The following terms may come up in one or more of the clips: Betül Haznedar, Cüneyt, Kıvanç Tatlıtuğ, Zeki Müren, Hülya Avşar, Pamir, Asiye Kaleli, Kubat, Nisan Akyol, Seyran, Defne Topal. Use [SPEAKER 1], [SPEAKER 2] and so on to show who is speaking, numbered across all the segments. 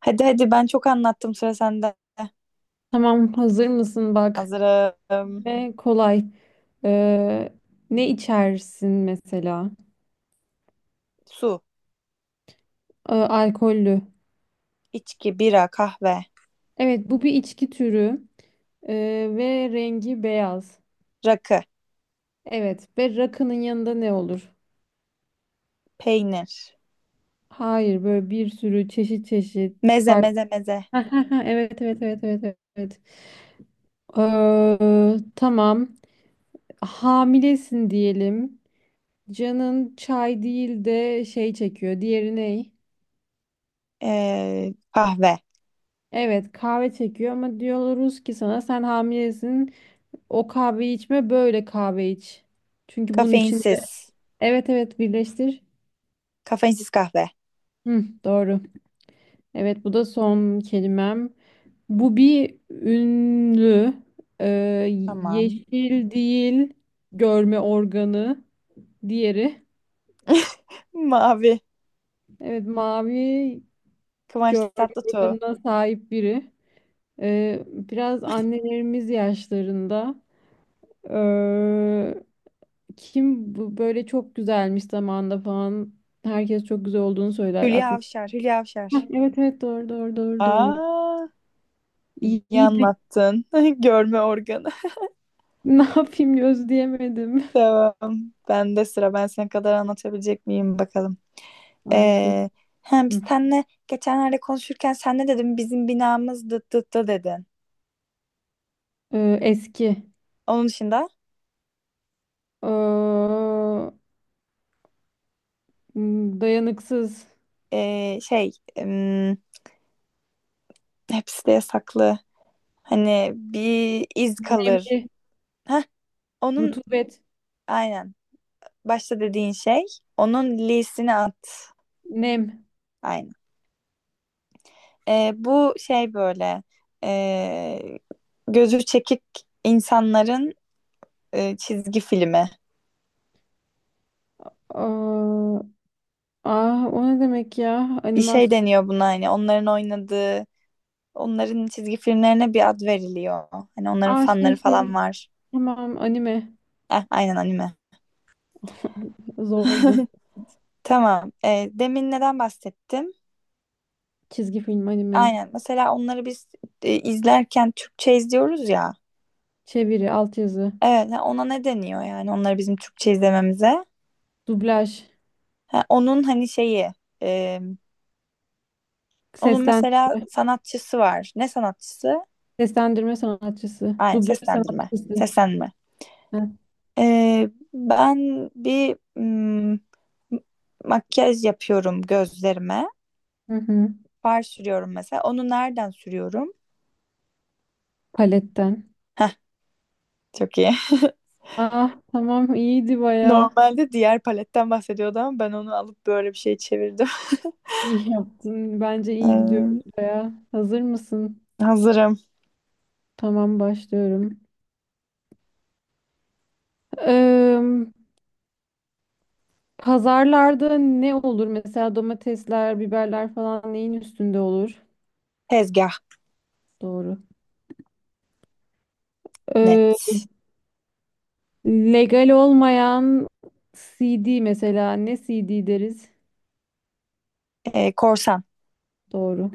[SPEAKER 1] Hadi hadi ben çok anlattım, sıra sende.
[SPEAKER 2] Tamam, hazır mısın? Bak
[SPEAKER 1] Hazırım.
[SPEAKER 2] ve kolay. Ee, Ne içersin mesela?
[SPEAKER 1] Su,
[SPEAKER 2] Alkollü.
[SPEAKER 1] içki, bira, kahve,
[SPEAKER 2] Evet, bu bir içki türü. Ve rengi beyaz.
[SPEAKER 1] rakı,
[SPEAKER 2] Evet, ve rakının yanında ne olur?
[SPEAKER 1] peynir,
[SPEAKER 2] Hayır, böyle bir sürü çeşit çeşit
[SPEAKER 1] meze
[SPEAKER 2] farklı.
[SPEAKER 1] meze meze,
[SPEAKER 2] Evet, evet, evet, evet, evet, evet. Tamam. Hamilesin diyelim. Canın çay değil de şey çekiyor. Diğeri ne?
[SPEAKER 1] kahve,
[SPEAKER 2] Evet, kahve çekiyor ama diyoruz ki sana, sen hamilesin, o kahveyi içme, böyle kahve iç. Çünkü bunun içinde
[SPEAKER 1] kafeinsiz,
[SPEAKER 2] evet evet, birleştir.
[SPEAKER 1] kafeinsiz kahve.
[SPEAKER 2] Hı, doğru. Evet, bu da son kelimem. Bu bir ünlü. Ee,
[SPEAKER 1] Tamam.
[SPEAKER 2] Yeşil değil, görme organı diğeri.
[SPEAKER 1] Mavi,
[SPEAKER 2] Evet, mavi
[SPEAKER 1] Kıvanç
[SPEAKER 2] görme
[SPEAKER 1] Tatlıtuğ,
[SPEAKER 2] organına sahip biri. Biraz annelerimiz yaşlarında. Kim bu böyle çok güzelmiş zamanında falan. Herkes çok güzel olduğunu söyler.
[SPEAKER 1] Hülya
[SPEAKER 2] Aklıma.
[SPEAKER 1] Avşar, Hülya
[SPEAKER 2] Hah,
[SPEAKER 1] Avşar.
[SPEAKER 2] evet evet, doğru doğru doğru doğru.
[SPEAKER 1] Aa, iyi
[SPEAKER 2] İyiydi.
[SPEAKER 1] anlattın. Görme organı.
[SPEAKER 2] Ne yapayım, gözleyemedim.
[SPEAKER 1] Tamam. Ben de sıra. Ben sana kadar anlatabilecek miyim bakalım.
[SPEAKER 2] Anlatırım.
[SPEAKER 1] Ee, Hem biz seninle geçenlerde konuşurken sen ne dedin? Bizim binamız dıt dıt dı dedin.
[SPEAKER 2] Eski.
[SPEAKER 1] Onun dışında
[SPEAKER 2] Ee, Dayanıksız.
[SPEAKER 1] ee, şey em, hepsi de yasaklı. Hani bir iz kalır.
[SPEAKER 2] Nemli.
[SPEAKER 1] Heh, onun
[SPEAKER 2] Rutubet.
[SPEAKER 1] aynen başta dediğin şey, onun lisini at.
[SPEAKER 2] Nem.
[SPEAKER 1] Aynen. Bu şey böyle ee, gözü çekik insanların çizgi filmi.
[SPEAKER 2] Aa, ah, o ne demek ya?
[SPEAKER 1] Bir şey
[SPEAKER 2] Animasyon.
[SPEAKER 1] deniyor buna, hani onların oynadığı. Onların çizgi filmlerine bir ad veriliyor. Hani onların
[SPEAKER 2] Aa, şey
[SPEAKER 1] fanları falan
[SPEAKER 2] şey.
[SPEAKER 1] var.
[SPEAKER 2] Tamam, anime.
[SPEAKER 1] Aynen, anime.
[SPEAKER 2] Zordu.
[SPEAKER 1] Tamam. Demin neden bahsettim?
[SPEAKER 2] Çizgi film, anime.
[SPEAKER 1] Aynen. Mesela onları biz izlerken Türkçe izliyoruz ya.
[SPEAKER 2] Çeviri, altyazı.
[SPEAKER 1] Evet, ha, ona ne deniyor yani onları bizim Türkçe izlememize?
[SPEAKER 2] Dublaj,
[SPEAKER 1] Ha, onun hani şeyi, e, onun mesela
[SPEAKER 2] seslendirme,
[SPEAKER 1] sanatçısı var. Ne sanatçısı?
[SPEAKER 2] seslendirme sanatçısı,
[SPEAKER 1] Aynen,
[SPEAKER 2] dublaj
[SPEAKER 1] seslendirme.
[SPEAKER 2] sanatçısı.
[SPEAKER 1] Seslendirme.
[SPEAKER 2] Heh.
[SPEAKER 1] Ben bir makyaj yapıyorum gözlerime.
[SPEAKER 2] Hı hı.
[SPEAKER 1] Far sürüyorum mesela. Onu nereden sürüyorum?
[SPEAKER 2] Paletten.
[SPEAKER 1] Heh, çok iyi.
[SPEAKER 2] Ah tamam, iyiydi baya.
[SPEAKER 1] Normalde diğer paletten bahsediyordu ama ben onu alıp böyle bir şey çevirdim.
[SPEAKER 2] İyi yaptın. Bence iyi gidiyor baya. Hazır mısın?
[SPEAKER 1] Hazırım.
[SPEAKER 2] Tamam, başlıyorum. Eee, Pazarlarda ne olur? Mesela domatesler, biberler falan neyin üstünde olur?
[SPEAKER 1] Tezgah.
[SPEAKER 2] Doğru. Eee,
[SPEAKER 1] Net.
[SPEAKER 2] Legal olmayan CD, mesela ne CD deriz?
[SPEAKER 1] Korsan.
[SPEAKER 2] Doğru.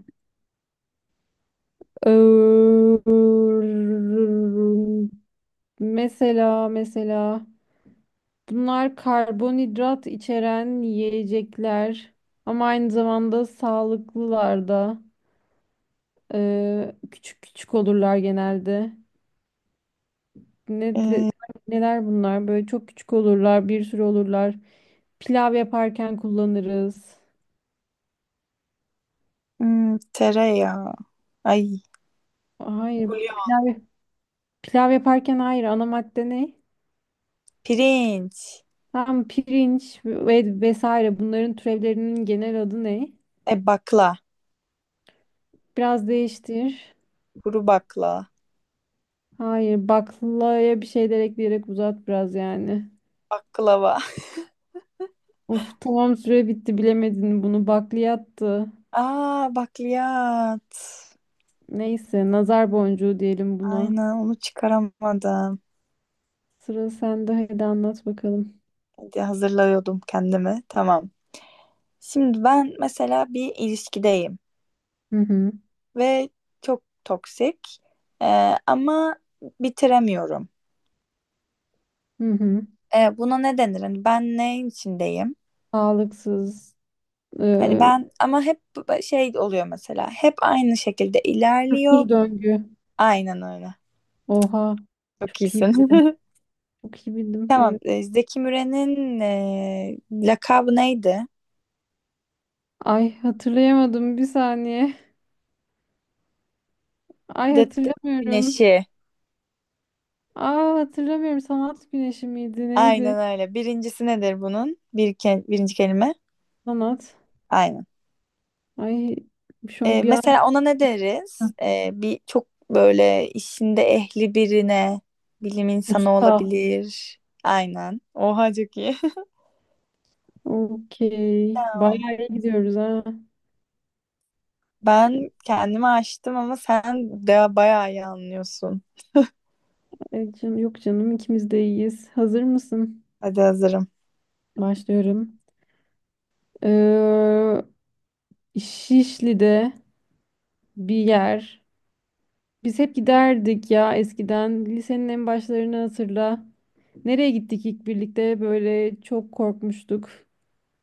[SPEAKER 2] Eee, mesela bunlar karbonhidrat içeren yiyecekler ama aynı zamanda sağlıklılar da. Küçük küçük olurlar genelde. Ne de- Neler bunlar? Böyle çok küçük olurlar, bir sürü olurlar. Pilav yaparken kullanırız.
[SPEAKER 1] Hmm, tereyağı. Ay.
[SPEAKER 2] Hayır,
[SPEAKER 1] Bulyon.
[SPEAKER 2] pilav pilav yaparken hayır. Ana madde ne?
[SPEAKER 1] Pirinç.
[SPEAKER 2] Tamam, pirinç ve vesaire, bunların türevlerinin genel adı ne?
[SPEAKER 1] Bakla.
[SPEAKER 2] Biraz değiştir.
[SPEAKER 1] Kuru bakla.
[SPEAKER 2] Hayır, baklaya bir şeyler ekleyerek uzat biraz yani.
[SPEAKER 1] Baklava.
[SPEAKER 2] Of tamam, süre bitti, bilemedin bunu. Bakliyattı.
[SPEAKER 1] Aa, bakliyat.
[SPEAKER 2] Neyse, nazar boncuğu diyelim buna.
[SPEAKER 1] Aynen, onu çıkaramadım.
[SPEAKER 2] Sıra sende, hadi anlat bakalım.
[SPEAKER 1] Hadi, hazırlıyordum kendimi. Tamam. Şimdi ben mesela bir ilişkideyim
[SPEAKER 2] Hı hı.
[SPEAKER 1] ve çok toksik. Ama bitiremiyorum.
[SPEAKER 2] Hı hı.
[SPEAKER 1] Buna ne denir? Hani ben neyin içindeyim?
[SPEAKER 2] Sağlıksız.
[SPEAKER 1] Hani
[SPEAKER 2] Ee,
[SPEAKER 1] ben ama hep şey oluyor mesela. Hep aynı şekilde ilerliyor.
[SPEAKER 2] Bir döngü.
[SPEAKER 1] Aynen öyle.
[SPEAKER 2] Oha.
[SPEAKER 1] Çok
[SPEAKER 2] Çok iyi
[SPEAKER 1] iyisin.
[SPEAKER 2] bildim. Çok iyi bildim.
[SPEAKER 1] Tamam.
[SPEAKER 2] Evet.
[SPEAKER 1] Zeki Müren'in lakabı neydi?
[SPEAKER 2] Ay, hatırlayamadım bir saniye. Ay,
[SPEAKER 1] Dıt dıt
[SPEAKER 2] hatırlamıyorum.
[SPEAKER 1] güneşi.
[SPEAKER 2] Aa, hatırlamıyorum. Sanat güneşi miydi? Neydi?
[SPEAKER 1] Aynen öyle. Birincisi nedir bunun? Birinci kelime.
[SPEAKER 2] Sanat.
[SPEAKER 1] Aynen.
[SPEAKER 2] Ay, şu an bir an,
[SPEAKER 1] Mesela ona ne deriz? Bir çok böyle işinde ehli birine, bilim insanı
[SPEAKER 2] usta.
[SPEAKER 1] olabilir. Aynen. Oha, çok iyi.
[SPEAKER 2] Okey.
[SPEAKER 1] Tamam.
[SPEAKER 2] Bayağı iyi gidiyoruz ha.
[SPEAKER 1] Ben kendimi açtım ama sen de bayağı iyi anlıyorsun.
[SPEAKER 2] Ay yok canım, ikimiz de iyiyiz. Hazır mısın?
[SPEAKER 1] Hadi, hazırım.
[SPEAKER 2] Başlıyorum. Ee, Şişli'de bir yer. Biz hep giderdik ya eskiden. Lisenin en başlarını hatırla. Nereye gittik ilk birlikte? Böyle çok korkmuştuk.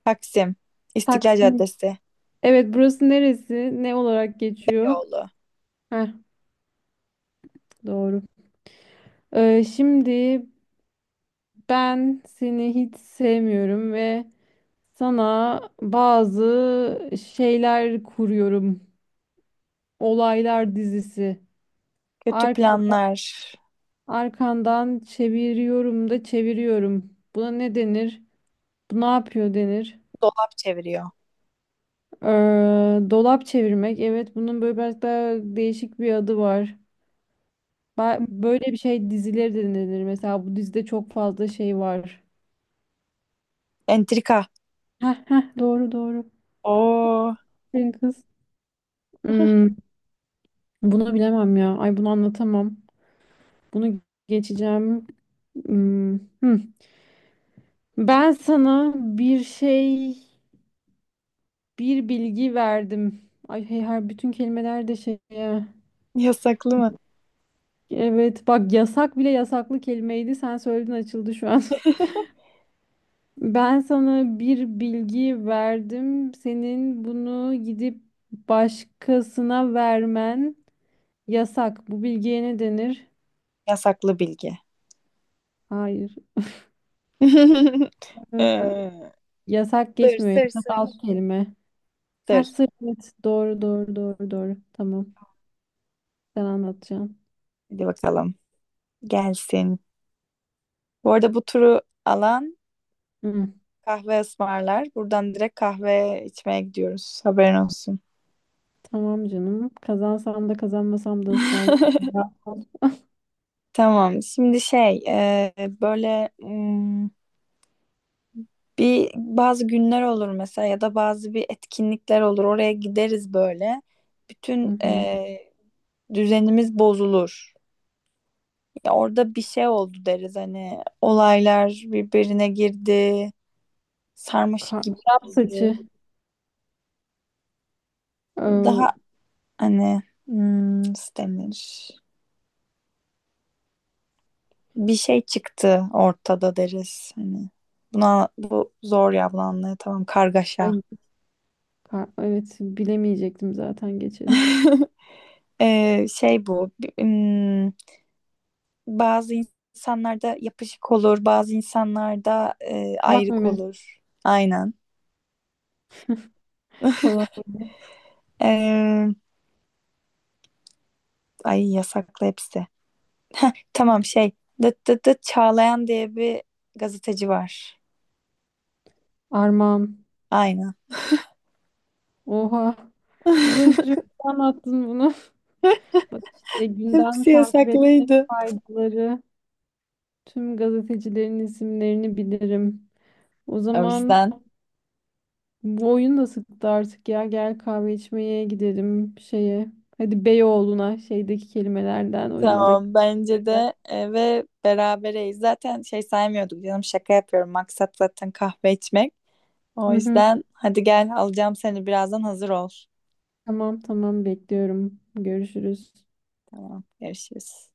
[SPEAKER 1] Taksim, İstiklal
[SPEAKER 2] Taksim.
[SPEAKER 1] Caddesi,
[SPEAKER 2] Evet, burası neresi? Ne olarak geçiyor?
[SPEAKER 1] yolu,
[SPEAKER 2] Heh, doğru. Şimdi ben seni hiç sevmiyorum ve sana bazı şeyler kuruyorum. Olaylar dizisi.
[SPEAKER 1] kötü
[SPEAKER 2] Arkan,
[SPEAKER 1] planlar,
[SPEAKER 2] arkandan çeviriyorum da çeviriyorum. Buna ne denir? Bu ne yapıyor denir?
[SPEAKER 1] dolap çeviriyor.
[SPEAKER 2] Ee, Dolap çevirmek. Evet, bunun böyle biraz daha değişik bir adı var.
[SPEAKER 1] Hı.
[SPEAKER 2] Böyle bir şey, dizileri de denir. Mesela bu dizide çok fazla şey var.
[SPEAKER 1] Entrika.
[SPEAKER 2] Heh, heh, doğru doğru.
[SPEAKER 1] Oo,
[SPEAKER 2] Benim kız. Hmm, bunu bilemem ya. Ay, bunu anlatamam. Bunu geçeceğim. Hmm, hmm. Ben sana bir şey, bir bilgi verdim. Ay hey, her bütün kelimeler de şey. E.
[SPEAKER 1] yasaklı mı?
[SPEAKER 2] Evet bak, yasak bile yasaklı kelimeydi. Sen söyledin, açıldı şu an. Ben sana bir bilgi verdim. Senin bunu gidip başkasına vermen yasak. Bu bilgiye ne denir?
[SPEAKER 1] Yasaklı bilgi.
[SPEAKER 2] Hayır. Ee,
[SPEAKER 1] Ee,
[SPEAKER 2] Yasak
[SPEAKER 1] Sır,
[SPEAKER 2] geçmiyor.
[SPEAKER 1] sır,
[SPEAKER 2] Yasak
[SPEAKER 1] sır.
[SPEAKER 2] alt kelime. Ha,
[SPEAKER 1] Sır.
[SPEAKER 2] sır, evet. Doğru doğru doğru doğru. Tamam. Sen anlatacaksın.
[SPEAKER 1] Hadi bakalım. Gelsin. Bu arada bu turu alan
[SPEAKER 2] Hı,
[SPEAKER 1] kahve ısmarlar. Buradan direkt kahve içmeye gidiyoruz. Haberin olsun.
[SPEAKER 2] tamam canım. Kazansam da kazanmasam da ısmarlarım.
[SPEAKER 1] Tamam. Böyle bir bazı günler olur mesela ya da bazı bir etkinlikler olur. Oraya gideriz böyle.
[SPEAKER 2] Hı
[SPEAKER 1] Bütün
[SPEAKER 2] hı.
[SPEAKER 1] düzenimiz bozulur. Ya orada bir şey oldu deriz, hani olaylar birbirine girdi, sarmaşık gibi
[SPEAKER 2] Arap
[SPEAKER 1] oldu.
[SPEAKER 2] saçı. Ee,
[SPEAKER 1] Daha, hani, nasıl denir? Bir şey çıktı ortada deriz. Hani buna bu zor ya, tamam, kargaşa.
[SPEAKER 2] ay, evet, bilemeyecektim zaten, geçelim.
[SPEAKER 1] Ee, şey bu. bi- hmm, Bazı insanlarda yapışık olur, bazı insanlarda
[SPEAKER 2] Kulak
[SPEAKER 1] ayrık
[SPEAKER 2] memesi.
[SPEAKER 1] olur. Aynen.
[SPEAKER 2] Kolak.
[SPEAKER 1] Ee, Ay, yasaklı hepsi. Tamam şey. Dıt dıt dıt Çağlayan diye bir gazeteci var.
[SPEAKER 2] Armağan.
[SPEAKER 1] Aynen.
[SPEAKER 2] Oha. Bu Bulacığım, anlattın bunu. Bak işte, gündem
[SPEAKER 1] Hepsi
[SPEAKER 2] takip etmenin
[SPEAKER 1] yasaklıydı.
[SPEAKER 2] faydaları. Tüm gazetecilerin isimlerini bilirim. O
[SPEAKER 1] O
[SPEAKER 2] zaman
[SPEAKER 1] yüzden.
[SPEAKER 2] bu oyun da sıktı artık ya. Gel kahve içmeye gidelim şeye. Hadi Beyoğlu'na, şeydeki kelimelerden, oyundaki
[SPEAKER 1] Tamam bence
[SPEAKER 2] kelimelerden.
[SPEAKER 1] de ve berabereyiz. Zaten şey saymıyorduk canım, şaka yapıyorum. Maksat zaten kahve içmek. O
[SPEAKER 2] Hı hı.
[SPEAKER 1] yüzden hadi gel, alacağım seni birazdan, hazır ol.
[SPEAKER 2] Tamam tamam, bekliyorum. Görüşürüz.
[SPEAKER 1] Tamam, görüşürüz.